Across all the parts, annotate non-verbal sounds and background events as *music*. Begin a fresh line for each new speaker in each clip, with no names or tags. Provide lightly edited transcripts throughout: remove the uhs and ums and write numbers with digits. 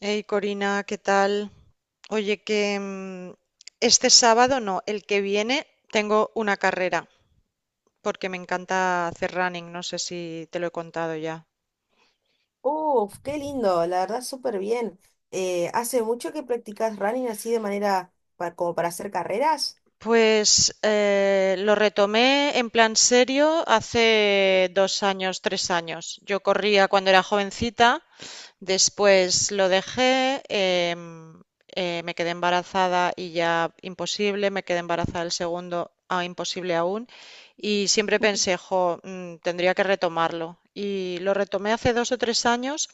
Hey Corina, ¿qué tal? Oye, que este sábado no, el que viene tengo una carrera porque me encanta hacer running, no sé si te lo he contado ya.
Uf, qué lindo, la verdad súper bien. ¿Hace mucho que practicas running así de manera como para hacer carreras?
Pues lo retomé en plan serio hace 2 años, 3 años. Yo corría cuando era jovencita. Después lo dejé, me quedé embarazada y ya imposible, me quedé embarazada el segundo, ah, imposible aún, y siempre pensé, jo, tendría que retomarlo. Y lo retomé hace 2 o 3 años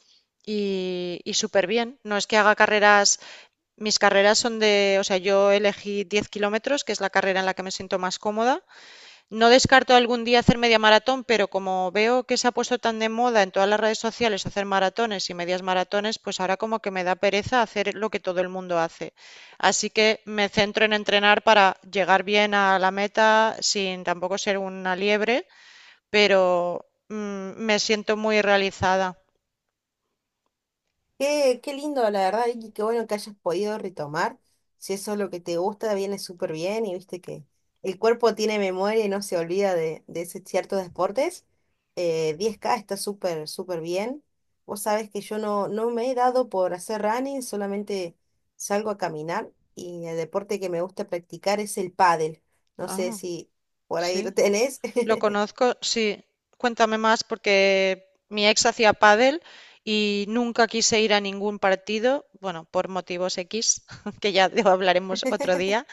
y súper bien. No es que haga carreras, mis carreras son de, o sea, yo elegí 10 kilómetros, que es la carrera en la que me siento más cómoda, no descarto algún día hacer media maratón, pero como veo que se ha puesto tan de moda en todas las redes sociales hacer maratones y medias maratones, pues ahora como que me da pereza hacer lo que todo el mundo hace. Así que me centro en entrenar para llegar bien a la meta sin tampoco ser una liebre, pero me siento muy realizada.
Qué lindo, la verdad, y qué bueno que hayas podido retomar. Si eso es lo que te gusta, viene súper bien y viste que el cuerpo tiene memoria y no se olvida de ciertos deportes. 10K está súper, súper bien. Vos sabés que yo no me he dado por hacer running, solamente salgo a caminar y el deporte que me gusta practicar es el pádel. No sé
Ah,
si por ahí
sí.
lo tenés.
Lo
*laughs*
conozco, sí. Cuéntame más porque mi ex hacía pádel y nunca quise ir a ningún partido, bueno, por motivos X, *laughs* hablaremos otro día,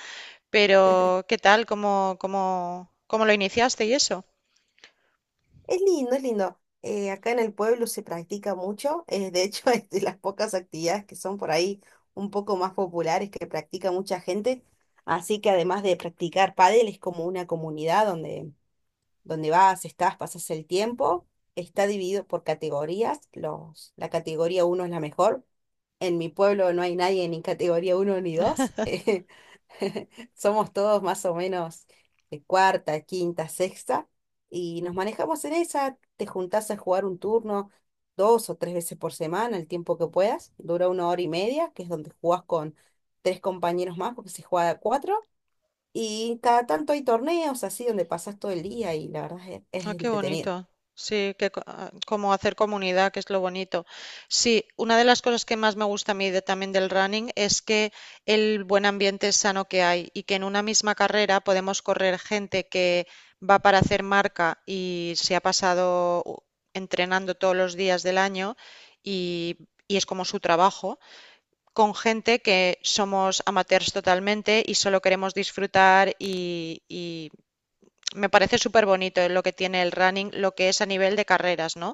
pero ¿qué tal? ¿Cómo lo iniciaste y eso?
Es lindo, es lindo. Acá en el pueblo se practica mucho. De hecho, *laughs* es de las pocas actividades que son por ahí un poco más populares que practica mucha gente. Así que además de practicar pádel, es como una comunidad donde vas, estás, pasas el tiempo. Está dividido por categorías. La categoría uno es la mejor. En mi pueblo no hay nadie ni categoría uno ni 2. *laughs* *laughs* Somos todos más o menos de cuarta, quinta, sexta y nos manejamos en esa. Te juntás a jugar un turno dos o tres veces por semana, el tiempo que puedas. Dura una hora y media, que es donde jugás con tres compañeros más porque se juega a cuatro. Y cada tanto hay torneos así donde pasás todo el día y la verdad es
Ah, qué
entretenido.
bonito. Sí, como hacer comunidad, que es lo bonito. Sí, una de las cosas que más me gusta a mí también del running es que el buen ambiente sano que hay y que en una misma carrera podemos correr gente que va para hacer marca y se ha pasado entrenando todos los días del año y, y es como su trabajo, con gente que somos amateurs totalmente y solo queremos disfrutar y me parece súper bonito lo que tiene el running, lo que es a nivel de carreras, ¿no?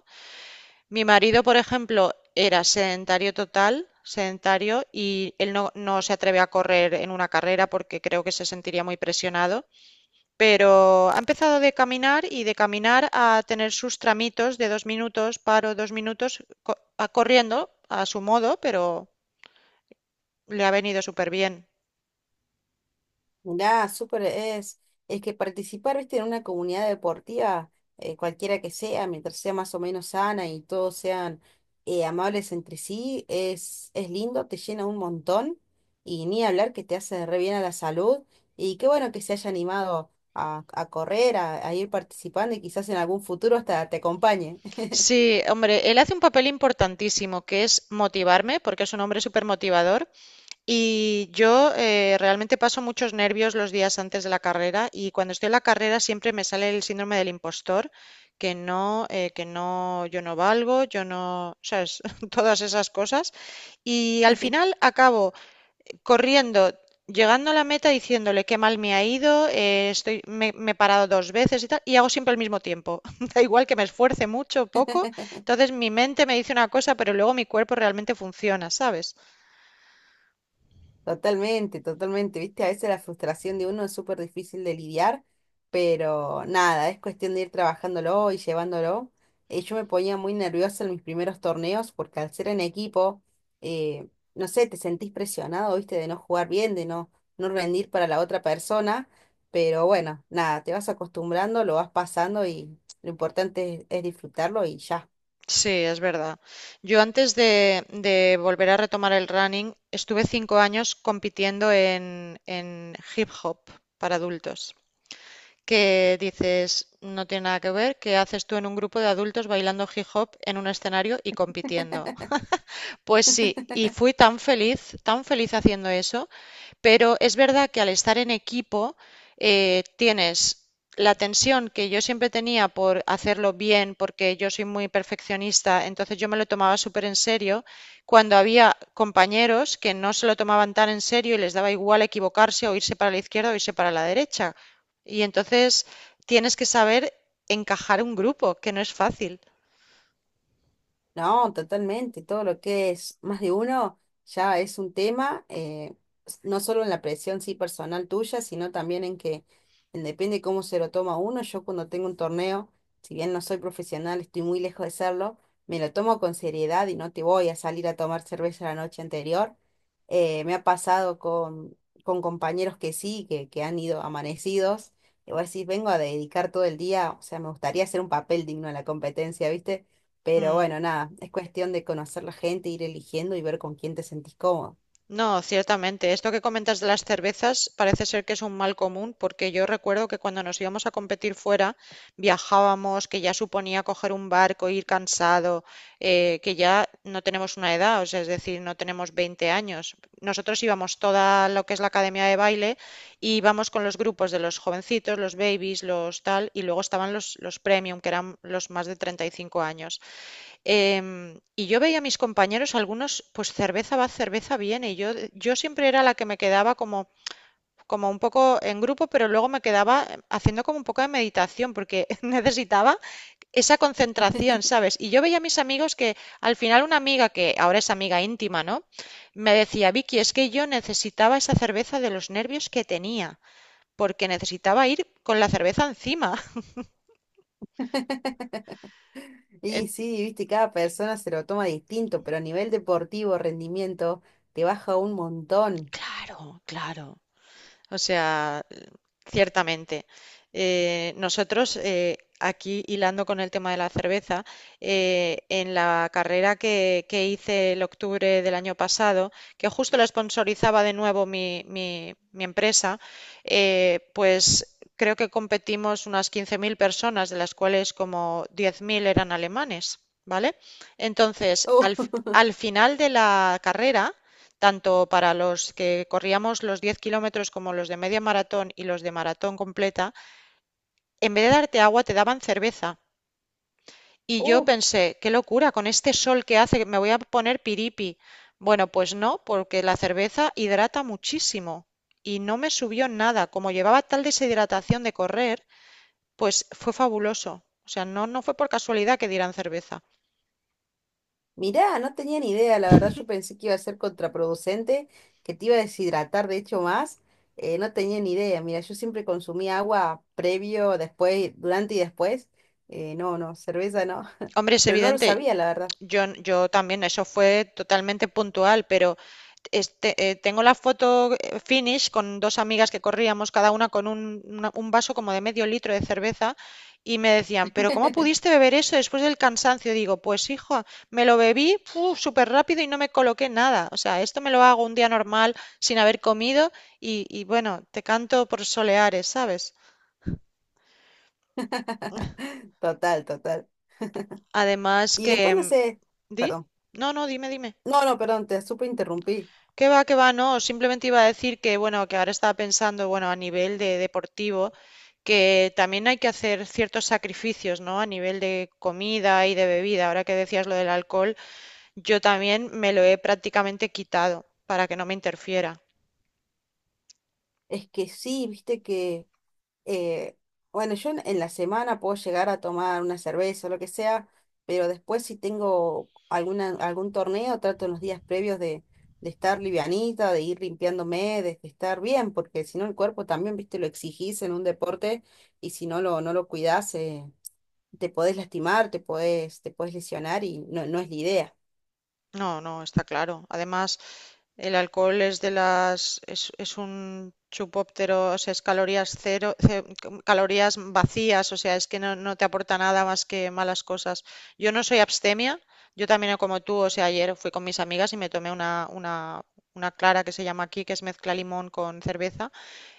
Mi marido, por ejemplo, era sedentario total, sedentario, y él no, no se atreve a correr en una carrera porque creo que se sentiría muy presionado, pero ha empezado de caminar y de caminar a tener sus tramitos de 2 minutos, paro 2 minutos, co- a corriendo a su modo, pero le ha venido súper bien.
Mirá, súper es. Es que participar, viste, en una comunidad deportiva, cualquiera que sea, mientras sea más o menos sana y todos sean amables entre sí, es lindo, te llena un montón y ni hablar que te hace re bien a la salud. Y qué bueno que se haya animado a correr, a ir participando y quizás en algún futuro hasta te acompañe.
Sí, hombre, él hace un papel importantísimo, que es motivarme, porque es un hombre súper motivador. Y yo realmente paso muchos nervios los días antes de la carrera y cuando estoy en la carrera siempre me sale el síndrome del impostor, que no, yo no valgo, yo no, sabes, *laughs* todas esas cosas. Y al final acabo corriendo, llegando a la meta diciéndole qué mal me ha ido, me he parado dos veces y tal, y hago siempre el mismo tiempo. *laughs* Da igual que me esfuerce mucho o poco,
*laughs*
entonces mi mente me dice una cosa, pero luego mi cuerpo realmente funciona, ¿sabes?
Totalmente, totalmente. Viste, a veces la frustración de uno es súper difícil de lidiar, pero nada, es cuestión de ir trabajándolo y llevándolo. Yo me ponía muy nerviosa en mis primeros torneos porque al ser en equipo, eh, no sé, te sentís presionado, viste, de no jugar bien, de no rendir para la otra persona, pero bueno, nada, te vas acostumbrando, lo vas pasando y lo importante es disfrutarlo y ya.
Sí, es verdad. Yo antes de volver a retomar el running, estuve 5 años compitiendo en hip hop para adultos, que dices, no tiene nada que ver, que haces tú en un grupo de adultos bailando hip hop en un escenario y compitiendo. Pues sí, y
*laughs*
fui tan feliz haciendo eso. Pero es verdad que al estar en equipo tienes la tensión que yo siempre tenía por hacerlo bien, porque yo soy muy perfeccionista, entonces yo me lo tomaba súper en serio, cuando había compañeros que no se lo tomaban tan en serio y les daba igual equivocarse o irse para la izquierda o irse para la derecha. Y entonces tienes que saber encajar un grupo, que no es fácil.
No, totalmente. Todo lo que es más de uno ya es un tema, no solo en la presión sí personal tuya, sino también en que en depende cómo se lo toma uno. Yo cuando tengo un torneo, si bien no soy profesional, estoy muy lejos de serlo, me lo tomo con seriedad y no te voy a salir a tomar cerveza la noche anterior. Me ha pasado con compañeros que sí, que han ido amanecidos. Y vos decís, vengo a dedicar todo el día, o sea, me gustaría hacer un papel digno en la competencia, ¿viste? Pero
Mm.
bueno, nada, es cuestión de conocer la gente, ir eligiendo y ver con quién te sentís cómodo.
No, ciertamente. Esto que comentas de las cervezas parece ser que es un mal común, porque yo recuerdo que cuando nos íbamos a competir fuera, viajábamos, que ya suponía coger un barco, ir cansado, que ya no tenemos una edad, o sea, es decir, no tenemos 20 años. Nosotros íbamos toda lo que es la academia de baile y íbamos con los grupos de los jovencitos, los babies, los tal, y luego estaban los premium, que eran los más de 35 años. Y yo veía a mis compañeros, algunos, pues cerveza va, cerveza viene. Y yo siempre era la que me quedaba como un poco en grupo, pero luego me quedaba haciendo como un poco de meditación, porque *laughs* necesitaba esa concentración, ¿sabes? Y yo veía a mis amigos que al final una amiga, que ahora es amiga íntima, ¿no? Me decía, Vicky, es que yo necesitaba esa cerveza de los nervios que tenía, porque necesitaba ir con la cerveza encima.
*laughs* Y
*laughs* En-
sí, viste, cada persona se lo toma distinto, pero a nivel deportivo, rendimiento, te baja un montón.
Claro, claro. O sea, ciertamente. Nosotros, aquí hilando con el tema de la cerveza, en la carrera que hice el octubre del año pasado, que justo la sponsorizaba de nuevo mi empresa, pues creo que competimos unas 15.000 personas, de las cuales como 10.000 eran alemanes, ¿vale? Entonces,
Uh,
al final de la carrera, tanto para los que corríamos los 10 kilómetros como los de media maratón y los de maratón completa, en vez de darte agua te daban cerveza. Y
*laughs*
yo
uh,
pensé, qué locura, con este sol que hace, me voy a poner piripi. Bueno, pues no, porque la cerveza hidrata muchísimo y no me subió nada. Como llevaba tal deshidratación de correr, pues fue fabuloso. O sea, no, no fue por casualidad que dieran cerveza.
mirá, no tenía ni idea, la verdad yo pensé que iba a ser contraproducente, que te iba a deshidratar de hecho más. No tenía ni idea, mira, yo siempre consumí agua previo, después, durante y después. No, no, cerveza no, *laughs*
Hombre, es
pero no lo
evidente,
sabía, la verdad.
yo también, eso fue totalmente puntual, pero este, tengo la foto finish con dos amigas que corríamos, cada una con un vaso como de medio litro de cerveza, y me decían, pero ¿cómo pudiste beber eso después del cansancio? Digo, pues hijo, me lo bebí súper rápido y no me coloqué nada. O sea, esto me lo hago un día normal sin haber comido y bueno, te canto por soleares, ¿sabes?
*laughs* Total, total.
Además
Y
que...
después no
mm,
sé,
¿Di?
perdón.
No, no, dime, dime.
No, no, perdón, te súper interrumpí.
Que va, no. Simplemente iba a decir que, bueno, que ahora estaba pensando, bueno, a nivel de deportivo, que también hay que hacer ciertos sacrificios, ¿no? A nivel de comida y de bebida. Ahora que decías lo del alcohol, yo también me lo he prácticamente quitado para que no me interfiera.
Es que sí, viste que, eh, bueno, yo en la semana puedo llegar a tomar una cerveza o lo que sea, pero después si tengo algún torneo, trato en los días previos de estar livianita, de ir limpiándome, de estar bien, porque si no el cuerpo también, viste, lo exigís en un deporte y si no lo cuidás, te podés lastimar, te podés lesionar y no, no es la idea.
No, no, está claro. Además, el alcohol es es un chupóptero, o sea, es calorías cero, calorías vacías, o sea, es que no, no te aporta nada más que malas cosas. Yo no soy abstemia, yo también no como tú, o sea, ayer fui con mis amigas y me tomé una clara que se llama aquí, que es mezcla limón con cerveza,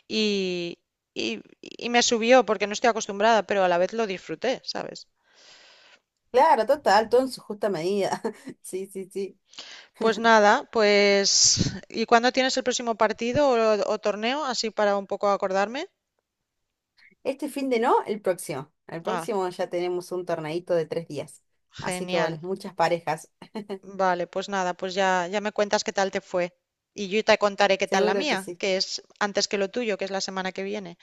y, y me subió porque no estoy acostumbrada, pero a la vez lo disfruté, ¿sabes?
Claro, total, todo en su justa medida. *laughs* Sí, sí, sí.
Pues nada, pues ¿y cuándo tienes el próximo partido o torneo? Así para un poco acordarme.
Este fin de no, el próximo. El
Ah,
próximo ya tenemos un torneito de 3 días. Así que
genial.
bueno, muchas parejas.
Vale, pues nada, pues ya, ya me cuentas qué tal te fue. Y yo te contaré qué tal la
Seguro que
mía,
sí.
que es antes que lo tuyo, que es la semana que viene.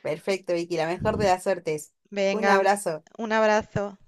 Perfecto, Vicky, la mejor de las suertes. Un
Venga,
abrazo.
un abrazo.